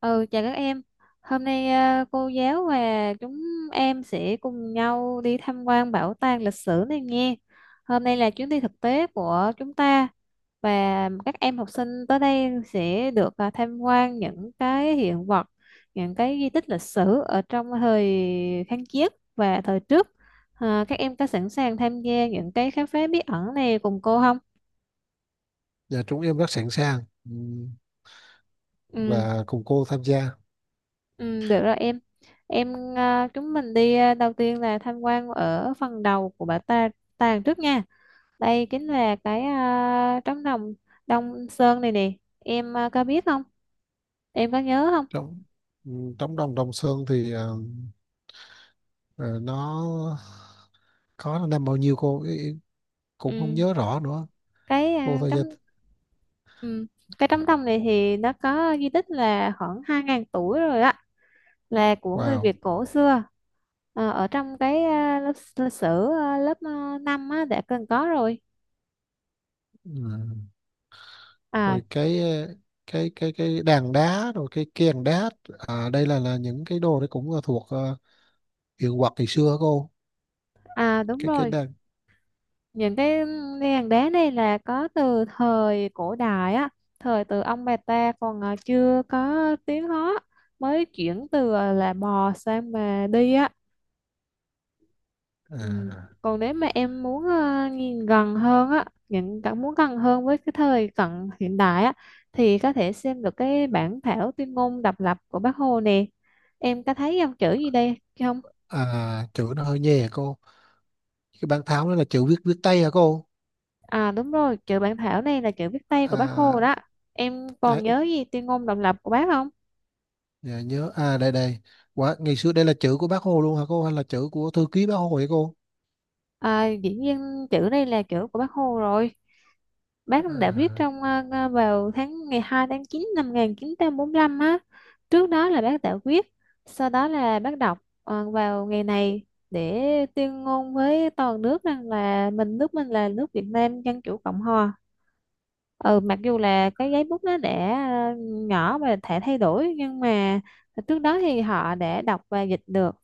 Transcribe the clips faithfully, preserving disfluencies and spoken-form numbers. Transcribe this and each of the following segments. Ừ, chào các em. Hôm nay à, cô giáo và chúng em sẽ cùng nhau đi tham quan bảo tàng lịch sử này nghe. Hôm nay là chuyến đi thực tế của chúng ta và các em học sinh tới đây sẽ được à, tham quan những cái hiện vật, những cái di tích lịch sử ở trong thời kháng chiến và thời trước. À, các em có sẵn sàng tham gia những cái khám phá bí ẩn này cùng cô không? Dạ, chúng em rất sẵn sàng, ừm, Ừ. và cùng cô tham gia. Ừ, được rồi em em à, chúng mình đi, à, đầu tiên là tham quan ở phần đầu của bảo ta tàng trước nha. Đây chính là cái à, trống đồng Đông Sơn này nè, em à, có biết không, em có nhớ không? Trong ừm, trong đồng Đồng Sơn thì ờ, ờ, nó có năm bao nhiêu cô ý- ý- cũng không Ừ. nhớ rõ nữa. cái Cô à, tham gia trống ừ. Cái trống đồng này thì nó có di tích là khoảng hai ngàn tuổi rồi á, là của người vào Việt cổ xưa. Ờ, ở trong cái à, lớp lịch sử, à, lớp à, năm á đã cần có rồi, à. rồi cái ờ, cái cái cái đàn đá rồi cái kèn đá. À, đây là là những cái đồ đấy, cũng là thuộc ờ, hiện vật ngày xưa hả cô? À, đúng Cái cái rồi, đàn. những cái ly hàng đá này là có từ thời cổ đại á, thời từ ông bà ta còn à, chưa có tiếng Hán, mới chuyển từ à, là bò sang mà đi á. Ừ. à, Còn nếu mà em muốn à, nhìn gần hơn á, những cảm muốn gần hơn với cái thời cận hiện đại á, thì có thể xem được cái bản thảo tuyên ngôn độc lập của Bác Hồ nè. Em có thấy dòng chữ gì đây không? À, chữ nó hơi nhè cô, cái bàn tháo đó là chữ viết viết tay hả cô? À đúng rồi, chữ bản thảo này là chữ viết tay của Bác Hồ À, đó. Em cái còn nhớ gì tuyên ngôn độc lập của Bác không? Dạ nhớ. À đây đây quá, ngày xưa đây là chữ của bác Hồ luôn hả cô, hay là chữ của thư ký bác Hồ vậy cô? À, dĩ nhiên chữ này là chữ của Bác Hồ rồi. Bác đã viết à, trong ờ, ờ, vào tháng ngày hai tháng chín năm một nghìn chín trăm bốn mươi lăm á. Trước đó là bác đã viết, sau đó là bác đọc ờ, vào ngày này để tuyên ngôn với toàn nước rằng là mình, nước mình là nước Việt Nam Dân chủ Cộng hòa. Ừ, mặc dù là cái giấy bút nó đã ờ, nhỏ và thể thay đổi nhưng mà trước đó thì họ đã đọc và dịch được,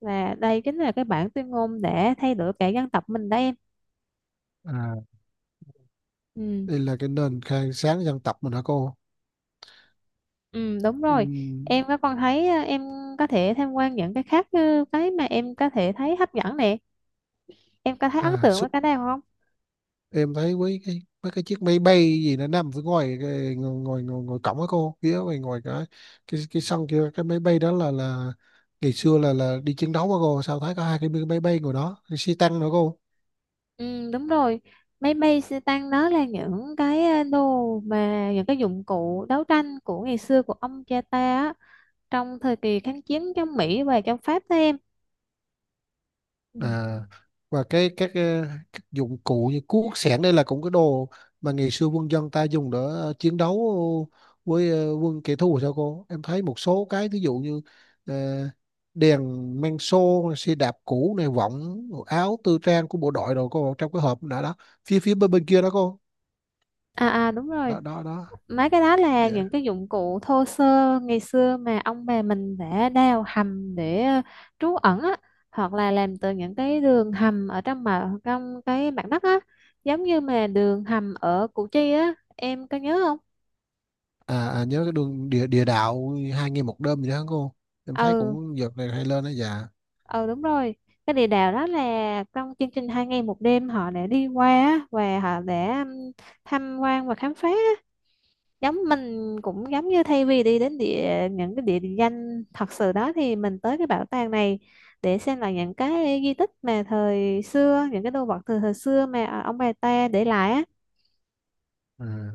và đây chính là cái bản tuyên ngôn để thay đổi cả dân tộc mình đó em. à Ừ. Đây là cái nền khang sáng dân tộc mình hả cô? Ừ, đúng rồi. Ừm. Em có con thấy ờ, em có thể tham quan những cái khác như cái mà em có thể thấy hấp dẫn nè. Em có thấy ấn à tượng với su- cái nào không? em thấy với cái với cái chiếc máy bay gì nó nằm phía ngoài cái, ngồi ngồi ngồi, ngồi cổng hả cô, phía ngoài ngoài cái cái cái sân kia, cái máy bay đó là là ngày xưa là là đi chiến đấu hả cô? Sao thấy có hai cái máy bay ngồi đó, cái xe tăng nữa cô? Ừ, đúng rồi. Máy bay xe tăng đó là những cái ờ, đồ mà những cái dụng cụ đấu tranh của ngày xưa của ông cha ta á, trong thời kỳ kháng chiến chống Mỹ và chống Pháp đó em. Ừ. à và cái các, ờ, các dụng cụ như cuốc xẻng đây là cũng cái đồ mà ngày xưa quân dân ta dùng để ờ, chiến đấu với ờ, quân kẻ thù sao cô. Em thấy một số cái ví dụ như ờ, đèn men xô, xe đạp cũ này, võng áo tư trang của bộ đội rồi cô, trong cái hộp đã đó, phía phía bên bên kia đó cô. À à đúng rồi, Đó, đó, đó. mấy cái đó là Dạ. những cái dụng cụ thô sơ ngày xưa mà ông bà mình đã đào hầm để ờ, trú ẩn á, hoặc là làm từ những cái đường hầm ở trong mà trong cái mặt đất á, giống như mà đường hầm ở Củ Chi á, em có nhớ không? À, à nhớ cái đường địa địa đạo hai ngày một đêm gì đó hả cô, em thấy Ừ, cũng giật này hay lên đó. Dạ. ừ đúng rồi, cái địa đạo đó là trong chương trình hai ngày một đêm họ đã đi qua á, và họ đã ừm, tham quan và khám phá á. Giống mình cũng giống như thay vì đi đến địa, những cái địa danh thật sự đó thì mình tới cái bảo tàng này để xem là những cái di tích mà thời xưa, những cái đồ vật từ thời xưa mà à, ông bà ta để lại á À,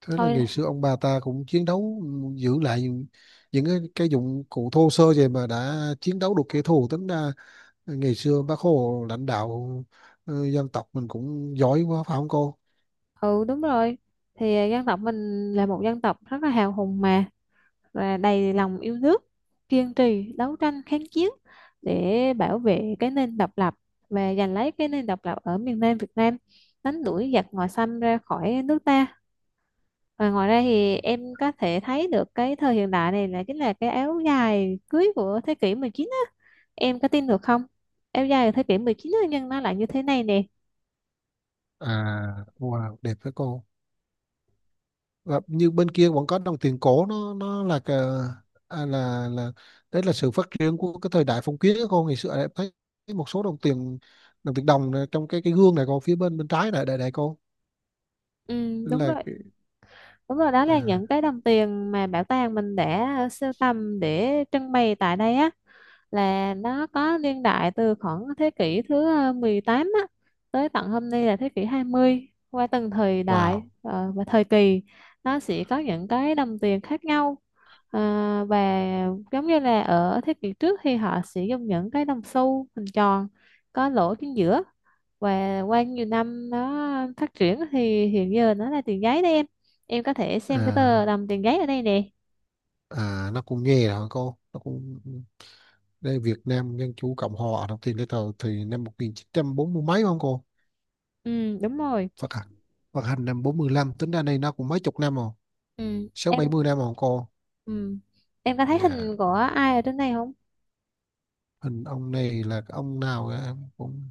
thế là thôi. ngày xưa ông bà ta cũng chiến đấu, giữ lại những những cái, cái dụng cụ thô sơ, vậy mà đã chiến đấu được kẻ thù. Tính ra ngày xưa bác Hồ lãnh đạo ờ, dân tộc mình cũng giỏi quá phải không cô? Ừ đúng rồi, thì à, dân tộc mình là một dân tộc rất là hào hùng mà, và đầy lòng yêu nước, kiên trì đấu tranh kháng chiến để bảo vệ cái nền độc lập và giành lấy cái nền độc lập ở miền Nam Việt Nam, đánh đuổi giặc ngoại xâm ra khỏi nước ta. Ờ, ngoài ra thì em có thể thấy được cái thời hiện đại này là chính là cái áo dài cưới của thế kỷ mười chín á. Em có tin được không? Áo dài của thế kỷ mười chín á, nhưng nó lại như thế này nè. à wow, đẹp với cô. Và như bên kia vẫn có đồng tiền cổ, nó nó là cái, à, là là đấy là sự phát triển của cái thời đại phong kiến đó cô. Ngày xưa em thấy một số đồng tiền, đồng tiền đồng này, trong cái cái gương này cô, phía bên bên trái này, đây đây cô Ừ, đúng là rồi. cái- Đúng rồi, đó là à, những cái đồng tiền mà bảo tàng mình đã ờ, sưu tầm để trưng bày tại đây á, là nó có niên đại từ khoảng thế kỷ thứ ờ, mười tám á, tới tận hôm nay là thế kỷ hai mươi, qua từng thời đại wow. ờ, và thời kỳ nó sẽ có những cái đồng tiền khác nhau. Ờ, và giống như là ở thế kỷ trước thì họ sử dụng những cái đồng xu hình tròn có lỗ chính giữa, và qua nhiều năm nó phát triển thì hiện giờ nó là tiền giấy đấy em. Em có thể xem cái tờ à đồng tiền giấy ở đây nè. à nó cũng nghe hả cô, nó cũng đây: Việt Nam Dân Chủ Cộng Hòa, đọc tiền lấy tờ thì năm một nghìn chín trăm bốn mươi mấy, không cô? Ừ đúng rồi. Phát hành, phát hành năm bốn lăm. Tính ra đây nó cũng mấy chục năm rồi, Ừ sáu bảy em. mươi năm rồi cô. Ừ, em có thấy Dạ. hình của ai ở trên này không? Hình ông này là cái ông nào á, em cũng...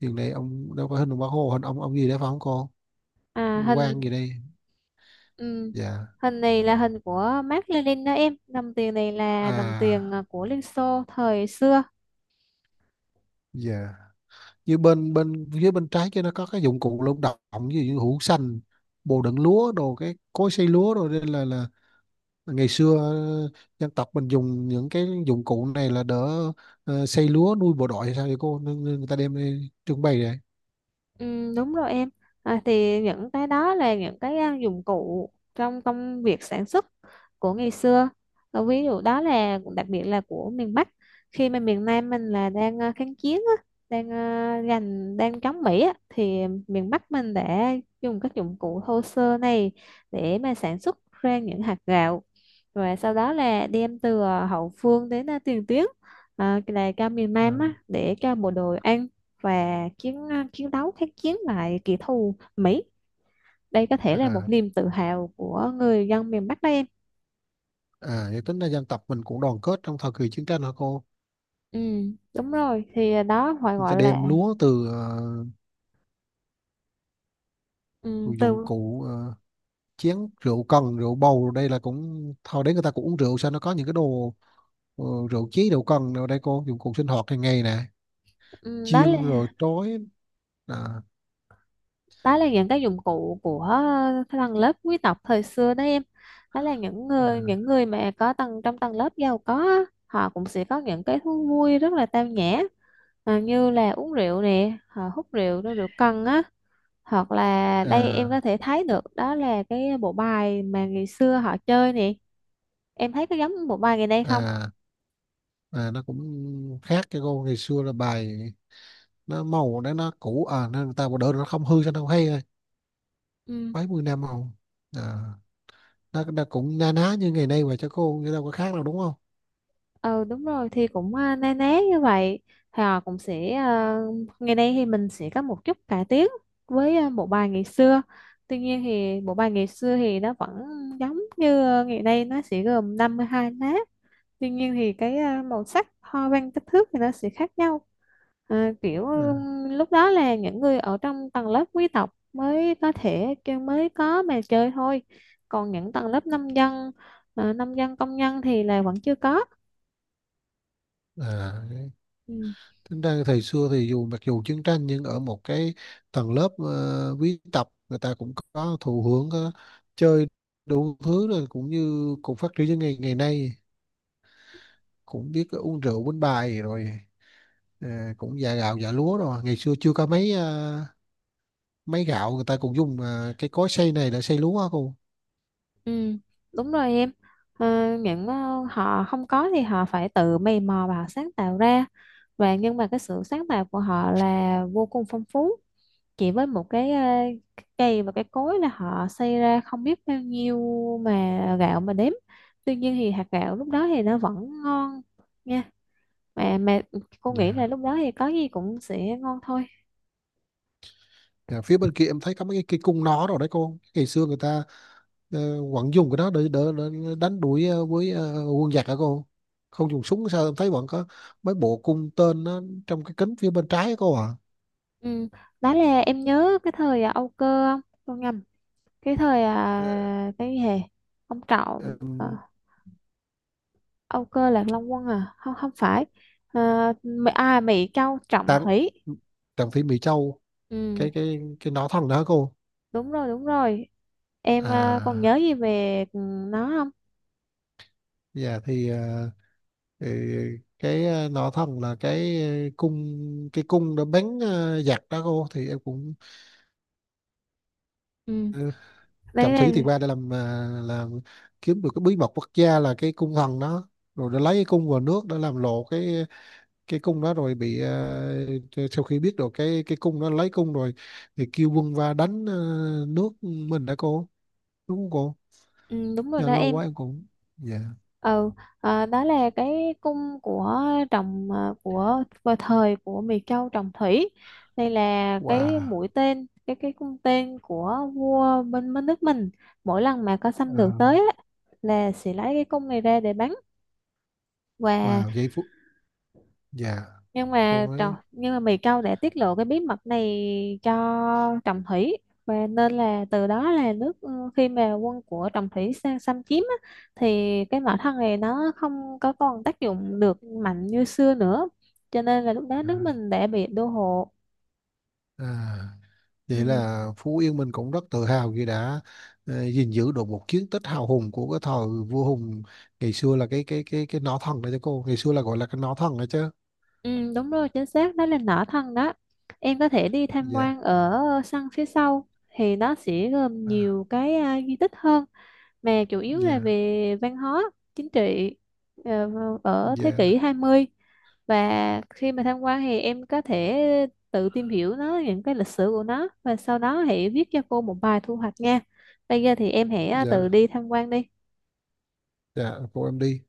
hiện nay ông đâu có hình ông Bác Hồ, hình ông ông gì đấy phải không cô, à quan hình gì đây? ừ, Dạ. Hình này là hình của Mác Lênin đó em, đồng tiền này là đồng tiền à à, của Liên Xô thời xưa. dạ, như bên bên phía bên trái kia nó có cái dụng cụ lao động, ví dụ như hũ xanh, bồ đựng lúa đồ, cái cối xay lúa rồi. Đây là là ngày xưa ờ, dân tộc mình dùng những cái dụng cụ này là đỡ ờ, xây lúa nuôi bộ đội hay sao vậy cô, nên, nên người ta đem đi trưng bày vậy. Ừ, đúng rồi em, à, thì những cái đó là những cái à, dụng cụ trong công việc sản xuất của ngày xưa, à, ví dụ đó là đặc biệt là của miền Bắc, khi mà miền Nam mình là đang à, kháng chiến á, đang à, giành, đang chống Mỹ á, thì miền Bắc mình đã dùng các dụng cụ thô sơ này để mà sản xuất ra những hạt gạo, và sau đó là đem từ à, hậu phương đến à, tiền tuyến, à, là cho miền Ờ. Nam á, để cho bộ đội ăn và chiến chiến đấu kháng chiến lại kẻ thù Mỹ. Đây có thể là một à niềm tự hào của người dân miền Bắc đó em. À vậy tính ra dân tộc mình cũng đoàn kết trong thời kỳ chiến tranh hả cô. Ừ, đúng rồi. Thì đó phải Người gọi ta đem là lúa từ ờ, ừ, dụng từ cụ ờ, chén rượu cần, rượu bầu đây là cũng thôi đấy, người ta cũng uống rượu sao, nó có những cái đồ ờ, rượu chí, rượu cần đâu đây cô, dụng cụ sinh hoạt hàng ngày nè, ừ, đó chiên rồi là, trói. à, đó là những cái dụng cụ của tầng lớp quý tộc thời xưa đó em. Đó là những à, người, những người mà có tầng trong tầng lớp giàu có á, họ cũng sẽ có những cái thú vui rất là tao nhã. À, như là uống rượu nè, họ hút rượu, rượu cần á, hoặc là đây em à, có thể thấy được đó là cái bộ bài mà ngày xưa họ chơi nè. Em thấy có giống bộ bài ngày nay không? à. À, nó cũng khác cái cô, ngày xưa là bài nó màu đấy, nó cũ à, nên người ta bỏ đỡ nó không hư, cho nó hay rồi Ừ, mấy mươi năm màu. À, nó, nó cũng na ná như ngày nay mà cho cô, chứ đâu có khác đâu đúng không? ừ đúng rồi, thì cũng à, na ná như vậy. Họ cũng sẽ, à, ngày nay thì mình sẽ có một chút cải tiến với à, bộ bài ngày xưa, tuy nhiên thì bộ bài ngày xưa thì nó vẫn giống như à, ngày nay, nó sẽ gồm năm mươi hai lá. Tuy nhiên thì cái à, màu sắc, hoa văn, kích thước thì nó sẽ khác nhau. À, kiểu à, ừm, lúc đó là những người ở trong tầng lớp quý tộc mới có thể kêu- mới có mà chơi thôi. Còn những tầng lớp nông dân, à, nông dân công nhân thì là vẫn chưa có. À, đấy, Ừ, tính ra thời xưa thì dù mặc dù chiến tranh, nhưng ở một cái tầng lớp uh, quý tộc, người ta cũng có thụ hưởng, có chơi đủ thứ rồi, cũng như cũng phát triển như ngày ngày nay, cũng biết uống rượu uống bài rồi. À, cũng dạ gạo dạ lúa rồi, ngày xưa chưa có mấy à, máy gạo, người ta cũng dùng à, cái cối xay này để xay lúa hả cô? ừ, đúng rồi em. À, những ờ, họ không có thì họ phải tự mày mò và họ sáng tạo ra. Và nhưng mà cái sự sáng tạo của họ là vô cùng phong phú. Chỉ với một cái ờ, cái cây và cái cối là họ xây ra không biết bao nhiêu mà gạo mà đếm, tuy nhiên thì hạt gạo lúc đó thì nó vẫn ngon nha, mà mà cô nghĩ là Dạ. lúc đó thì có gì cũng sẽ ngon thôi. Dạ, phía bên kia em thấy có mấy cái, cái cung nỏ rồi đấy cô, ngày xưa người ta uh, vẫn dùng cái đó để, để, để đánh đuổi ờ, với ờ, quân giặc hả cô, không dùng súng sao? Em thấy vẫn có mấy bộ cung tên nó trong cái kính phía bên trái á cô à? Ừ. Đó là em nhớ cái thời à, Âu Cơ không? Tôi nhầm, cái thời Ờ, à, cái gì hè, ông Trọng ờ, ừm, Âu Cơ Lạc Long Quân à, không không phải, à, Mỹ- à Mỹ Châu Trọng tàng Thủy. tàng thị Mỹ Châu, Ừ. cái cái cái nỏ thần đó hả cô? đúng rồi đúng rồi Em ờ, còn nhớ à gì về ừ, nó không? dạ, thì ờ, thì cái ờ, nọ thần là cái ờ, cung cái cung đã bắn ờ, giặc đó cô, thì em cũng... Ừ, đấy Trọng là, Thủy thì qua để làm, ờ, làm kiếm được cái bí mật quốc gia là cái cung thần đó, rồi để lấy cái cung vào nước, để làm lộ cái cái cung đó, rồi bị ờ, sau khi biết được cái cái cung đó, lấy cung rồi thì kêu quân va đánh ờ, nước mình đó cô, đúng không cô? ừ, đúng rồi Dạ, đó lâu em. quá em cũng... Dạ. Ừ, ờ, đó là cái cung của trồng, ờ, của vào thời của Miệt Châu Trọng Thủy. Đây là cái Wow. mũi tên, cái cái cung tên của vua bên, bên nước mình. Mỗi lần mà có xâm Ờ, lược tới á, là sẽ lấy cái cung này ra để bắn. Và wow, giây phút. Dạ nhưng cô mà trọng nói. nhưng mà Mỹ Châu đã tiết lộ cái bí mật này cho Trọng Thủy, và nên là từ đó là nước, ừ, khi mà quân của Trọng Thủy sang xâm chiếm á, thì cái mỏ than này nó không có còn tác dụng được mạnh như xưa nữa, cho nên là lúc đó nước à, mình đã bị đô hộ. à. Vậy ừ, là Phú Yên mình cũng rất tự hào khi đã ờ, gìn giữ được một chiến tích hào hùng của cái thời vua Hùng, ngày xưa là cái cái cái cái nỏ thần đấy cho cô, ngày xưa là gọi là cái nỏ thần đấy chứ? ừ, Đúng rồi, chính xác đó là nỏ thân đó. Em có thể đi tham quan Dạ. ở sân phía sau thì nó sẽ gồm à, nhiều cái à, di tích hơn, mà chủ yếu là dạ, về văn hóa, chính trị ờ, ở thế kỷ dạ, hai mươi. Và khi mà tham quan thì em có thể tự tìm hiểu nó, những cái lịch sử của nó, và sau đó hãy viết cho cô một bài thu hoạch nha. Bây giờ thì em hãy ờ, tự dạ, đi tham quan đi. dạ cô em đi.